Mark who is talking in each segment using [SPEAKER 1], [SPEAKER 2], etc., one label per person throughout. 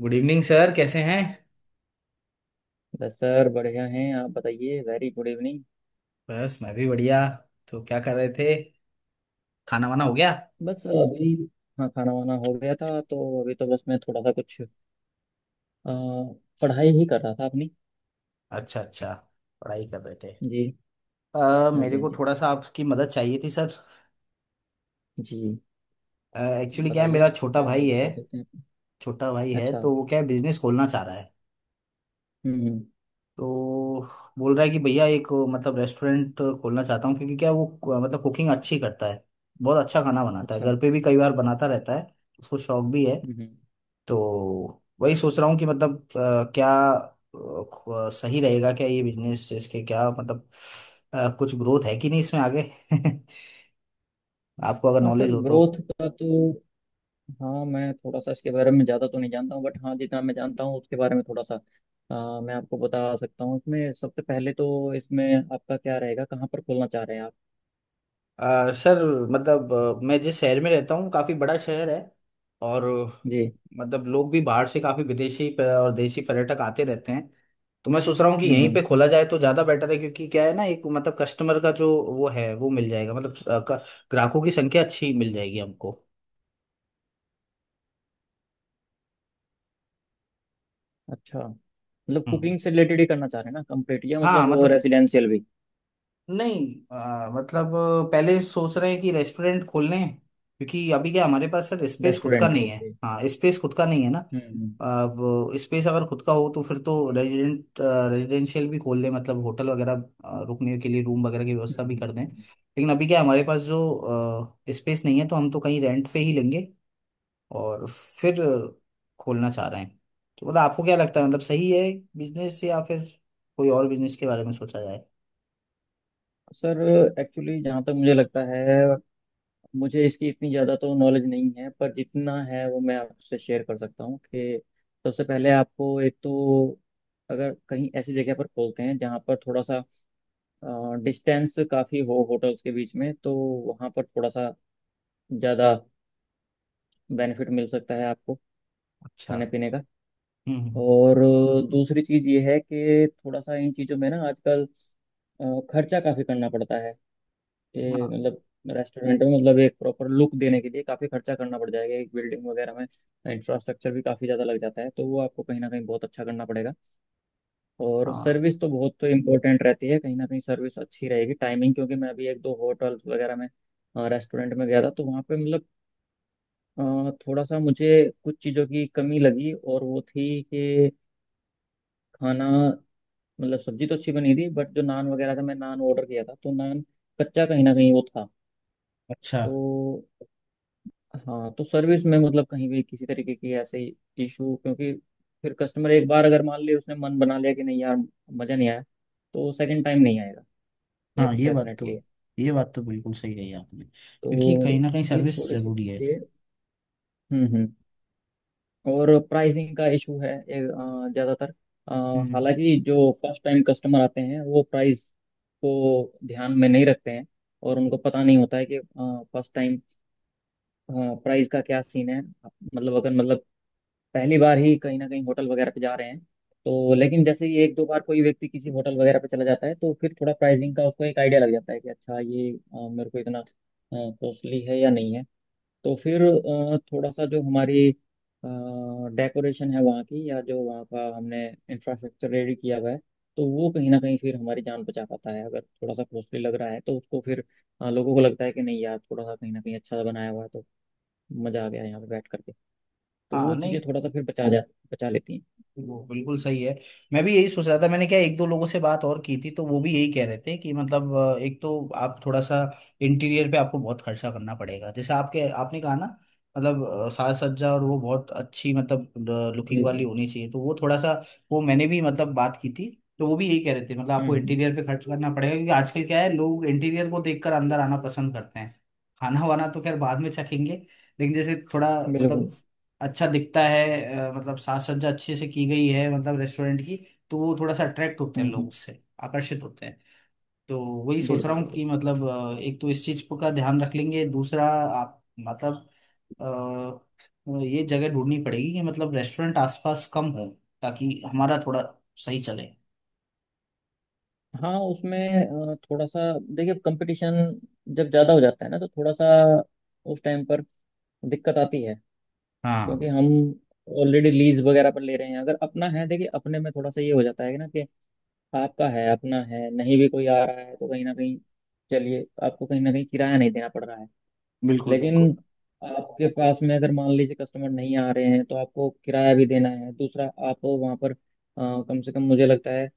[SPEAKER 1] Good evening sir, कैसे हैं।
[SPEAKER 2] बस सर बढ़िया हैं। आप बताइए। Very good evening.
[SPEAKER 1] बस मैं भी बढ़िया। तो क्या कर रहे थे, खाना वाना हो गया।
[SPEAKER 2] बस अभी। हाँ, खाना वाना हो गया था तो अभी तो बस मैं थोड़ा सा कुछ अ, पढ़ाई ही कर रहा था अपनी।
[SPEAKER 1] अच्छा अच्छा, पढ़ाई कर रहे थे।
[SPEAKER 2] जी। हाँ जी,
[SPEAKER 1] मेरे
[SPEAKER 2] हाँ
[SPEAKER 1] को
[SPEAKER 2] जी।
[SPEAKER 1] थोड़ा सा आपकी मदद चाहिए थी सर।
[SPEAKER 2] जी,
[SPEAKER 1] एक्चुअली क्या है,
[SPEAKER 2] बताइए,
[SPEAKER 1] मेरा छोटा
[SPEAKER 2] क्या
[SPEAKER 1] भाई
[SPEAKER 2] मदद
[SPEAKER 1] है।
[SPEAKER 2] कर सकते हैं आपकी?
[SPEAKER 1] छोटा भाई है
[SPEAKER 2] अच्छा।
[SPEAKER 1] तो वो क्या है, बिजनेस खोलना चाह रहा है।
[SPEAKER 2] हम्म।
[SPEAKER 1] तो बोल रहा है कि भैया एक मतलब रेस्टोरेंट खोलना चाहता हूँ, क्योंकि क्या है, वो मतलब कुकिंग अच्छी करता है। बहुत अच्छा खाना बनाता है,
[SPEAKER 2] अच्छा।
[SPEAKER 1] घर पे भी कई बार बनाता रहता है। उसको शौक भी है।
[SPEAKER 2] हम्म हम्म।
[SPEAKER 1] तो वही सोच रहा हूँ कि मतलब सही रहेगा क्या ये बिजनेस, इसके क्या मतलब कुछ ग्रोथ है कि नहीं इसमें आगे। आपको अगर
[SPEAKER 2] हाँ सर,
[SPEAKER 1] नॉलेज हो तो।
[SPEAKER 2] ग्रोथ का तो हाँ, मैं थोड़ा सा इसके बारे में ज़्यादा तो नहीं जानता हूँ बट हाँ, जितना मैं जानता हूँ उसके बारे में थोड़ा सा मैं आपको बता सकता हूँ। इसमें सबसे पहले तो इसमें आपका क्या रहेगा, कहाँ पर खोलना चाह रहे हैं आप।
[SPEAKER 1] सर, मतलब मैं जिस शहर में रहता हूँ काफ़ी बड़ा शहर है। और
[SPEAKER 2] जी।
[SPEAKER 1] मतलब लोग भी बाहर से काफ़ी विदेशी और देशी पर्यटक आते रहते हैं। तो मैं सोच रहा हूँ कि
[SPEAKER 2] हम्म।
[SPEAKER 1] यहीं पे खोला जाए तो ज़्यादा बेटर है, क्योंकि क्या है ना, एक मतलब कस्टमर का जो वो है वो मिल जाएगा। मतलब ग्राहकों की संख्या अच्छी मिल जाएगी हमको।
[SPEAKER 2] अच्छा, मतलब
[SPEAKER 1] हम्म।
[SPEAKER 2] कुकिंग से रिलेटेड ही करना चाह रहे हैं ना कंप्लीट, या मतलब
[SPEAKER 1] हाँ
[SPEAKER 2] वो
[SPEAKER 1] मतलब
[SPEAKER 2] रेसिडेंशियल भी।
[SPEAKER 1] नहीं मतलब पहले सोच रहे हैं कि रेस्टोरेंट खोल लें, क्योंकि अभी क्या हमारे पास सर स्पेस खुद का
[SPEAKER 2] रेस्टोरेंट,
[SPEAKER 1] नहीं है।
[SPEAKER 2] ओके।
[SPEAKER 1] हाँ स्पेस खुद का नहीं है ना।
[SPEAKER 2] हम्म।
[SPEAKER 1] अब स्पेस अगर खुद का हो तो फिर तो रेजिडेंट रेजिडेंशियल भी खोल दें, मतलब होटल वगैरह, रुकने के लिए रूम वगैरह की
[SPEAKER 2] हम्म,
[SPEAKER 1] व्यवस्था भी
[SPEAKER 2] हम्म,
[SPEAKER 1] कर दें।
[SPEAKER 2] हम्म।
[SPEAKER 1] लेकिन अभी क्या हमारे पास जो स्पेस नहीं है तो हम तो कहीं रेंट पे ही लेंगे। और फिर खोलना चाह रहे हैं। तो मतलब आपको क्या लगता है, मतलब सही है बिजनेस, या फिर कोई और बिजनेस के बारे में सोचा जाए।
[SPEAKER 2] सर, एक्चुअली जहाँ तक मुझे लगता है, मुझे इसकी इतनी ज़्यादा तो नॉलेज नहीं है, पर जितना है वो मैं आपसे शेयर कर सकता हूँ कि सबसे पहले आपको एक तो अगर कहीं ऐसी जगह पर खोलते हैं जहाँ पर थोड़ा सा डिस्टेंस काफ़ी हो होटल्स के बीच में, तो वहाँ पर थोड़ा सा ज़्यादा बेनिफिट मिल सकता है आपको
[SPEAKER 1] अच्छा।
[SPEAKER 2] खाने पीने का।
[SPEAKER 1] हम्म हम्म।
[SPEAKER 2] और दूसरी चीज ये है कि थोड़ा सा इन चीजों में ना आजकल अ, खर्चा काफी करना पड़ता है। कि
[SPEAKER 1] हाँ
[SPEAKER 2] मतलब रेस्टोरेंट में मतलब एक प्रॉपर लुक देने के लिए काफी खर्चा करना पड़ जाएगा, एक बिल्डिंग वगैरह में। इंफ्रास्ट्रक्चर भी काफी ज्यादा लग जाता है, तो वो आपको कहीं ना कहीं बहुत अच्छा करना पड़ेगा। और
[SPEAKER 1] हाँ।
[SPEAKER 2] सर्विस तो बहुत तो इम्पोर्टेंट रहती है, कहीं ना कहीं सर्विस अच्छी रहेगी, टाइमिंग। क्योंकि मैं अभी एक दो होटल वगैरह में रेस्टोरेंट में गया था, तो वहाँ पे मतलब थोड़ा सा मुझे कुछ चीज़ों की कमी लगी, और वो थी कि खाना, मतलब सब्जी तो अच्छी बनी थी, बट जो नान वगैरह था, मैं नान ऑर्डर किया था, तो नान कच्चा कहीं ना कहीं वो था।
[SPEAKER 1] अच्छा।
[SPEAKER 2] तो हाँ, तो सर्विस में मतलब कहीं भी किसी तरीके की ऐसे इशू, क्योंकि फिर कस्टमर एक बार अगर मान ले उसने मन बना लिया कि नहीं यार, मज़ा नहीं आया, तो सेकंड टाइम नहीं आएगा। ये
[SPEAKER 1] हाँ ये बात
[SPEAKER 2] डेफिनेटली
[SPEAKER 1] तो,
[SPEAKER 2] है।
[SPEAKER 1] ये बात तो बिल्कुल सही कही आपने, क्योंकि
[SPEAKER 2] तो
[SPEAKER 1] कहीं ना कहीं
[SPEAKER 2] ये
[SPEAKER 1] सर्विस
[SPEAKER 2] थोड़ी सी
[SPEAKER 1] जरूरी है।
[SPEAKER 2] चीज़ें। हम्म। और प्राइसिंग का इशू है ये, ज़्यादातर अ,
[SPEAKER 1] हम्म।
[SPEAKER 2] हालांकि जो फर्स्ट टाइम कस्टमर आते हैं वो प्राइस को ध्यान में नहीं रखते हैं, और उनको पता नहीं होता है कि फर्स्ट टाइम प्राइस का क्या सीन है, मतलब अगर मतलब पहली बार ही कहीं ना कहीं होटल वगैरह पे जा रहे हैं तो। लेकिन जैसे ही एक दो बार कोई व्यक्ति किसी होटल वगैरह पे चला जाता है, तो फिर थोड़ा प्राइसिंग का उसको एक आइडिया लग जाता है कि अच्छा, ये मेरे को इतना कॉस्टली है या नहीं है। तो फिर थोड़ा सा जो हमारी डेकोरेशन है वहाँ की, या जो वहाँ का हमने इंफ्रास्ट्रक्चर रेडी किया हुआ है, तो वो कहीं ना कहीं फिर हमारी जान बचा पाता है। अगर थोड़ा सा कॉस्टली लग रहा है तो उसको फिर लोगों को लगता है कि नहीं यार, थोड़ा सा कहीं ना कहीं अच्छा बनाया हुआ है तो मज़ा आ गया यहाँ पे बैठ करके। तो
[SPEAKER 1] हाँ
[SPEAKER 2] वो चीज़ें
[SPEAKER 1] नहीं
[SPEAKER 2] थोड़ा सा फिर बचा लेती हैं।
[SPEAKER 1] वो बिल्कुल सही है। मैं भी यही सोच रहा था। मैंने क्या एक दो लोगों से बात और की थी, तो वो भी यही कह रहे थे कि मतलब एक तो आप थोड़ा सा इंटीरियर पे आपको बहुत खर्चा करना पड़ेगा, जैसे आपके आपने कहा ना। मतलब साज सज्जा और वो बहुत अच्छी, मतलब लुकिंग
[SPEAKER 2] जी
[SPEAKER 1] वाली
[SPEAKER 2] जी।
[SPEAKER 1] होनी चाहिए, तो वो थोड़ा सा। वो मैंने भी मतलब बात की थी, तो वो भी यही कह रहे थे मतलब
[SPEAKER 2] हम्म
[SPEAKER 1] आपको
[SPEAKER 2] हम्म,
[SPEAKER 1] इंटीरियर पे खर्च करना पड़ेगा, क्योंकि आजकल क्या है लोग इंटीरियर को देखकर अंदर आना पसंद करते हैं। खाना वाना तो खैर बाद में चखेंगे, लेकिन जैसे थोड़ा
[SPEAKER 2] बिल्कुल।
[SPEAKER 1] मतलब अच्छा दिखता है, मतलब साज सज्जा अच्छे से की गई है मतलब रेस्टोरेंट की, तो वो थोड़ा सा अट्रैक्ट होते हैं,
[SPEAKER 2] हम्म
[SPEAKER 1] लोग
[SPEAKER 2] हम्म,
[SPEAKER 1] उससे आकर्षित होते हैं। तो वही सोच
[SPEAKER 2] बिल्कुल
[SPEAKER 1] रहा हूँ
[SPEAKER 2] बिल्कुल।
[SPEAKER 1] कि मतलब एक तो इस चीज का ध्यान रख लेंगे, दूसरा आप मतलब ये जगह ढूंढनी पड़ेगी कि मतलब रेस्टोरेंट आसपास कम हो, ताकि हमारा थोड़ा सही चले।
[SPEAKER 2] हाँ, उसमें थोड़ा सा देखिए, कंपटीशन जब ज़्यादा हो जाता है ना तो थोड़ा सा उस टाइम पर दिक्कत आती है। क्योंकि
[SPEAKER 1] हाँ
[SPEAKER 2] हम ऑलरेडी लीज वगैरह पर ले रहे हैं। अगर अपना है, देखिए अपने में थोड़ा सा ये हो जाता है कि ना कि आपका है, अपना है, नहीं भी कोई आ रहा है तो कहीं ना कहीं चलिए आपको कहीं ना कहीं किराया नहीं देना पड़ रहा है। लेकिन आपके पास में अगर मान लीजिए कस्टमर नहीं आ रहे हैं तो आपको किराया भी देना है। दूसरा आप वहाँ पर कम से कम मुझे लगता है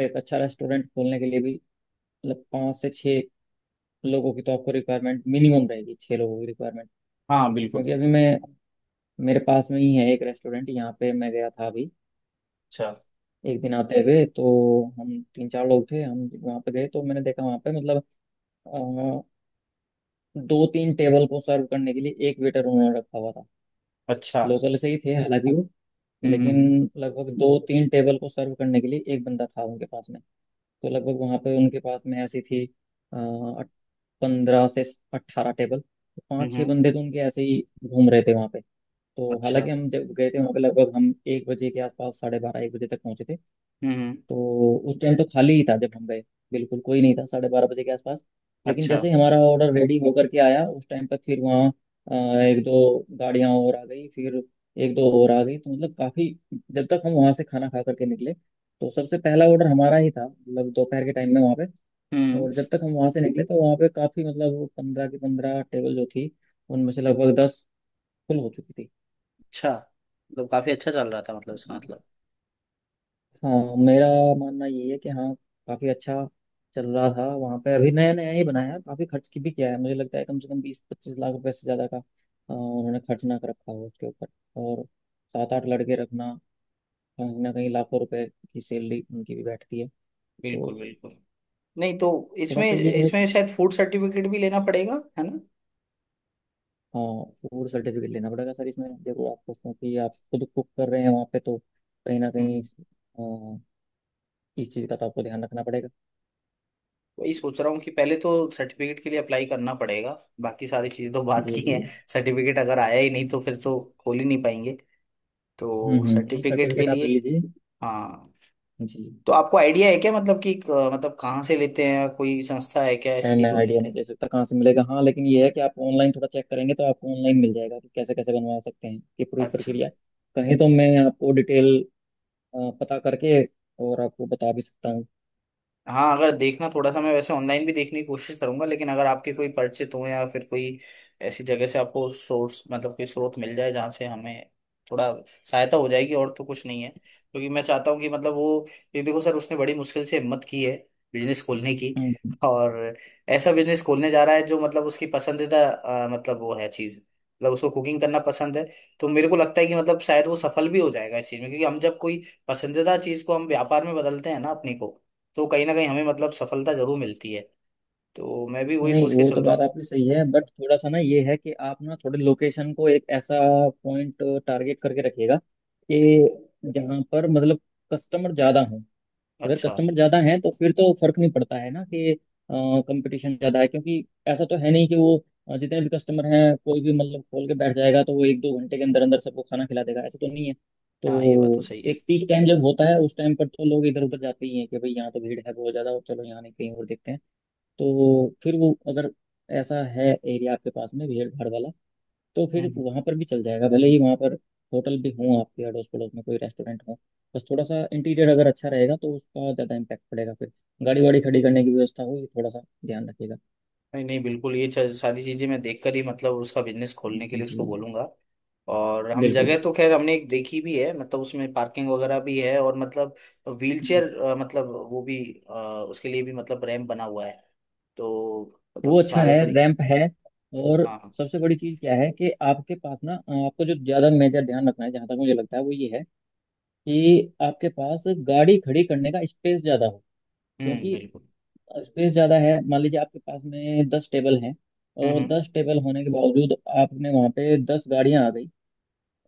[SPEAKER 2] एक अच्छा रेस्टोरेंट खोलने के लिए भी मतलब पाँच से छः लोगों की तो आपको रिक्वायरमेंट मिनिमम रहेगी, छः लोगों की रिक्वायरमेंट।
[SPEAKER 1] हाँ बिल्कुल।
[SPEAKER 2] क्योंकि अभी मैं, मेरे पास में ही है एक रेस्टोरेंट, यहाँ पे मैं गया था अभी
[SPEAKER 1] अच्छा
[SPEAKER 2] एक दिन आते हुए, तो हम तीन चार लोग थे, हम वहाँ पे गए तो मैंने देखा वहाँ पे मतलब अ, दो तीन टेबल को सर्व करने के लिए एक वेटर उन्होंने रखा हुआ था।
[SPEAKER 1] अच्छा।
[SPEAKER 2] लोकल से ही थे हालांकि वो,
[SPEAKER 1] हम्म।
[SPEAKER 2] लेकिन लगभग दो तीन टेबल को सर्व करने के लिए एक बंदा था उनके पास में। तो लगभग वहाँ पे उनके पास में ऐसी थी 15 से 18 टेबल, तो पाँच छः
[SPEAKER 1] हम्म।
[SPEAKER 2] बंदे तो उनके ऐसे ही घूम रहे थे वहाँ पे। तो
[SPEAKER 1] अच्छा।
[SPEAKER 2] हालांकि हम जब गए थे वहाँ पे, लगभग हम 1 बजे के आसपास, 12:30, 1 बजे तक पहुँचे थे,
[SPEAKER 1] हम्म।
[SPEAKER 2] तो उस टाइम तो खाली ही था जब हम गए, बिल्कुल कोई नहीं था 12:30 बजे के आसपास। लेकिन
[SPEAKER 1] अच्छा।
[SPEAKER 2] जैसे ही हमारा ऑर्डर रेडी होकर के आया उस टाइम पर फिर वहाँ अ, एक दो गाड़ियाँ और आ गई, फिर एक दो और आ गई, तो मतलब काफ़ी। जब तक हम वहाँ से खाना खा करके निकले तो सबसे पहला ऑर्डर हमारा ही था, मतलब दोपहर के टाइम में वहाँ पे।
[SPEAKER 1] हम्म।
[SPEAKER 2] और जब तक हम वहाँ से निकले तो वहाँ पे काफ़ी, मतलब 15 की 15 टेबल जो थी उनमें से लगभग 10 फुल हो चुकी
[SPEAKER 1] अच्छा, मतलब काफी अच्छा चल रहा था, मतलब इसका
[SPEAKER 2] थी।
[SPEAKER 1] मतलब।
[SPEAKER 2] हाँ, मेरा मानना ये है कि हाँ, काफी अच्छा चल रहा था वहाँ पे। अभी नया नया ही बनाया है, काफी खर्च की भी किया है, मुझे लगता है कम से कम 20-25 लाख रुपए से ज्यादा का उन्होंने खर्च ना कर रखा हो उसके ऊपर। और सात आठ लड़के रखना, कहीं ना कहीं लाखों रुपए की सैलरी उनकी भी बैठती है।
[SPEAKER 1] बिल्कुल
[SPEAKER 2] तो
[SPEAKER 1] बिल्कुल। नहीं तो
[SPEAKER 2] थोड़ा
[SPEAKER 1] इसमें,
[SPEAKER 2] सा ये है कि
[SPEAKER 1] इसमें शायद फूड सर्टिफिकेट भी लेना पड़ेगा, है ना।
[SPEAKER 2] हाँ, फूड सर्टिफिकेट लेना पड़ेगा सर। इसमें देखो आपको, क्योंकि आप खुद कुक कर रहे हैं वहाँ पे, तो कहीं ना
[SPEAKER 1] हम्म।
[SPEAKER 2] कहीं अ, इस चीज का तो आपको ध्यान रखना पड़ेगा।
[SPEAKER 1] वही सोच रहा हूँ कि पहले तो सर्टिफिकेट के लिए अप्लाई करना पड़ेगा। बाकी सारी चीज़ें तो बात
[SPEAKER 2] जी
[SPEAKER 1] की
[SPEAKER 2] जी।
[SPEAKER 1] हैं। सर्टिफिकेट अगर आया ही नहीं तो फिर तो खोल ही नहीं पाएंगे। तो
[SPEAKER 2] हम्म, नहीं
[SPEAKER 1] सर्टिफिकेट के
[SPEAKER 2] सर्टिफिकेट आप
[SPEAKER 1] लिए।
[SPEAKER 2] ले लीजिए।
[SPEAKER 1] हाँ
[SPEAKER 2] जी।
[SPEAKER 1] तो आपको आइडिया है क्या, मतलब कि मतलब कहाँ से लेते हैं, कोई संस्था है क्या
[SPEAKER 2] है,
[SPEAKER 1] इसकी
[SPEAKER 2] मैं
[SPEAKER 1] जो
[SPEAKER 2] आइडिया
[SPEAKER 1] लेते
[SPEAKER 2] नहीं
[SPEAKER 1] हैं।
[SPEAKER 2] दे सकता कहाँ से मिलेगा, हाँ लेकिन ये है कि आप ऑनलाइन थोड़ा चेक करेंगे तो आपको ऑनलाइन मिल जाएगा कि कैसे कैसे बनवा सकते हैं, ये पूरी
[SPEAKER 1] अच्छा।
[SPEAKER 2] प्रक्रिया। कहें तो मैं आपको डिटेल पता करके और आपको बता भी सकता हूँ।
[SPEAKER 1] हाँ अगर देखना, थोड़ा सा मैं वैसे ऑनलाइन भी देखने की कोशिश करूंगा, लेकिन अगर आपके कोई परिचित हो या फिर कोई ऐसी जगह से आपको सोर्स, मतलब कोई स्रोत मिल जाए जहाँ से हमें थोड़ा सहायता हो जाएगी। और तो कुछ नहीं है, क्योंकि मैं चाहता हूँ कि मतलब वो, ये देखो सर, उसने बड़ी मुश्किल से हिम्मत की है बिजनेस खोलने की।
[SPEAKER 2] हम्म।
[SPEAKER 1] और ऐसा बिजनेस खोलने जा रहा है जो मतलब उसकी पसंदीदा मतलब वो है चीज़, मतलब उसको कुकिंग करना पसंद है। तो मेरे को लगता है कि मतलब शायद वो सफल भी हो जाएगा इस चीज़ में, क्योंकि हम जब कोई पसंदीदा चीज़ को हम व्यापार में बदलते हैं ना अपनी को, तो कहीं ना कहीं हमें मतलब सफलता जरूर मिलती है। तो मैं भी वही
[SPEAKER 2] नहीं,
[SPEAKER 1] सोच के
[SPEAKER 2] वो तो
[SPEAKER 1] चल रहा
[SPEAKER 2] बात
[SPEAKER 1] हूँ।
[SPEAKER 2] आपकी सही है बट थोड़ा सा ना ये है कि आप ना थोड़े लोकेशन को एक ऐसा पॉइंट टारगेट करके रखिएगा कि जहाँ पर मतलब कस्टमर ज़्यादा हो। अगर
[SPEAKER 1] अच्छा।
[SPEAKER 2] कस्टमर ज्यादा हैं तो फिर तो फर्क नहीं पड़ता है ना कि कंपटीशन ज्यादा है, क्योंकि ऐसा तो है नहीं कि वो जितने भी कस्टमर हैं कोई भी मतलब खोल के बैठ जाएगा तो वो 1-2 घंटे के अंदर अंदर सबको खाना खिला देगा, ऐसा तो नहीं है।
[SPEAKER 1] हाँ ये बात तो
[SPEAKER 2] तो
[SPEAKER 1] सही है।
[SPEAKER 2] एक पीक टाइम जब होता है उस टाइम पर तो लोग इधर उधर जाते ही हैं कि भाई, यहाँ तो भीड़ है बहुत ज्यादा और चलो यहाँ नहीं, कहीं और देखते हैं। तो फिर वो अगर ऐसा है एरिया आपके पास में भीड़ भाड़ वाला, तो
[SPEAKER 1] हम्म
[SPEAKER 2] फिर
[SPEAKER 1] हम्म।
[SPEAKER 2] वहां पर भी चल जाएगा, भले ही वहां पर होटल भी हों आपके अड़ोस पड़ोस में, कोई रेस्टोरेंट हो। बस थोड़ा सा इंटीरियर अगर अच्छा रहेगा तो उसका ज़्यादा इम्पैक्ट पड़ेगा फिर। गाड़ी वाड़ी खड़ी करने की व्यवस्था हो, ये थोड़ा सा ध्यान रखिएगा।
[SPEAKER 1] नहीं नहीं बिल्कुल, ये सारी चीजें मैं देखकर ही मतलब उसका बिजनेस खोलने के
[SPEAKER 2] जी
[SPEAKER 1] लिए
[SPEAKER 2] जी
[SPEAKER 1] उसको बोलूंगा। और हम
[SPEAKER 2] बिल्कुल
[SPEAKER 1] जगह तो
[SPEAKER 2] बिल्कुल।
[SPEAKER 1] खैर हमने एक देखी भी है, मतलब उसमें पार्किंग वगैरह भी है और मतलब
[SPEAKER 2] हम्म।
[SPEAKER 1] व्हीलचेयर, मतलब वो भी अ, उसके लिए भी मतलब रैंप बना हुआ है। तो मतलब
[SPEAKER 2] वो अच्छा
[SPEAKER 1] सारे
[SPEAKER 2] है,
[SPEAKER 1] तरीके।
[SPEAKER 2] रैंप है। और
[SPEAKER 1] हाँ हाँ।
[SPEAKER 2] सबसे बड़ी चीज़ क्या है कि आपके पास ना आपको जो ज़्यादा मेजर ध्यान रखना है जहाँ तक मुझे लगता है वो ये है कि आपके पास गाड़ी खड़ी करने का स्पेस ज़्यादा हो। क्योंकि
[SPEAKER 1] बिल्कुल।
[SPEAKER 2] स्पेस ज़्यादा है, मान लीजिए आपके पास में 10 टेबल हैं, और
[SPEAKER 1] हम्म।
[SPEAKER 2] 10 टेबल होने के बावजूद आपने वहाँ पे 10 गाड़ियाँ आ गई,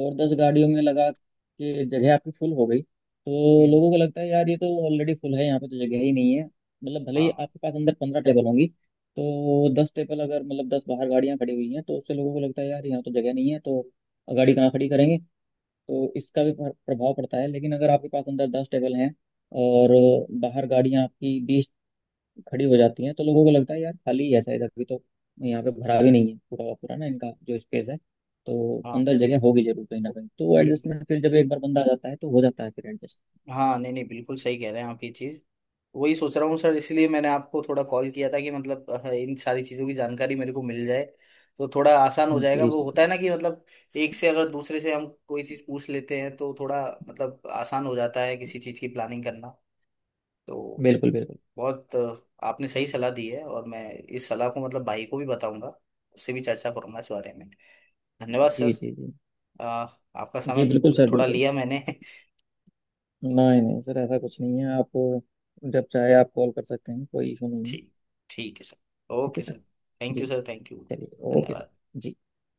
[SPEAKER 2] और 10 गाड़ियों में लगा के जगह आपकी फुल हो गई, तो
[SPEAKER 1] हम्म।
[SPEAKER 2] लोगों को लगता है यार ये तो ऑलरेडी फुल है, यहाँ पे तो जगह ही नहीं है, मतलब भले ही
[SPEAKER 1] हाँ।
[SPEAKER 2] आपके पास अंदर 15 टेबल होंगी। तो 10 टेबल अगर, मतलब 10 बाहर गाड़ियाँ खड़ी हुई हैं तो उससे लोगों को लगता है यार यहाँ तो जगह नहीं है तो गाड़ी कहाँ खड़ी करेंगे। तो इसका भी प्रभाव पड़ता है। लेकिन अगर आपके पास अंदर 10 टेबल हैं और बाहर गाड़ियाँ आपकी 20 खड़ी हो जाती हैं तो लोगों को लगता है यार खाली ही है शायद अभी तो, यहाँ पे भरा भी नहीं है पूरा का पूरा ना इनका जो स्पेस है, तो
[SPEAKER 1] हाँ
[SPEAKER 2] अंदर जगह होगी जरूर कहीं ना कहीं तो वो
[SPEAKER 1] बिल्कुल।
[SPEAKER 2] एडजस्टमेंट फिर जब एक बार बंदा आ जाता है तो हो जाता है फिर एडजस्ट।
[SPEAKER 1] हाँ नहीं नहीं बिल्कुल सही कह रहे हैं आप ये चीज। वही सोच रहा हूँ सर, इसलिए मैंने आपको थोड़ा कॉल किया था कि मतलब इन सारी चीज़ों की जानकारी मेरे को मिल जाए, तो थोड़ा आसान हो जाएगा।
[SPEAKER 2] जी
[SPEAKER 1] वो
[SPEAKER 2] जी
[SPEAKER 1] होता है ना कि मतलब एक से, अगर दूसरे से हम कोई चीज़ पूछ लेते हैं तो थोड़ा मतलब आसान हो जाता है किसी चीज़ की प्लानिंग करना। तो
[SPEAKER 2] बिल्कुल बिल्कुल।
[SPEAKER 1] बहुत आपने सही सलाह दी है, और मैं इस सलाह को मतलब भाई को भी बताऊंगा, उससे भी चर्चा करूंगा इस बारे में। धन्यवाद सर।
[SPEAKER 2] जी जी। जी
[SPEAKER 1] अ, आपका
[SPEAKER 2] जी
[SPEAKER 1] समय
[SPEAKER 2] बिल्कुल सर
[SPEAKER 1] थोड़ा
[SPEAKER 2] बिल्कुल।
[SPEAKER 1] लिया मैंने।
[SPEAKER 2] नहीं नहीं सर, ऐसा कुछ नहीं है आप जब चाहे आप कॉल कर सकते हैं, कोई इशू नहीं है।
[SPEAKER 1] ठीक ठीक है सर,
[SPEAKER 2] ठीक
[SPEAKER 1] ओके
[SPEAKER 2] है
[SPEAKER 1] सर।
[SPEAKER 2] सर।
[SPEAKER 1] थैंक यू
[SPEAKER 2] जी,
[SPEAKER 1] सर, थैंक यू।
[SPEAKER 2] चलिए ओके सर।
[SPEAKER 1] धन्यवाद।
[SPEAKER 2] जी।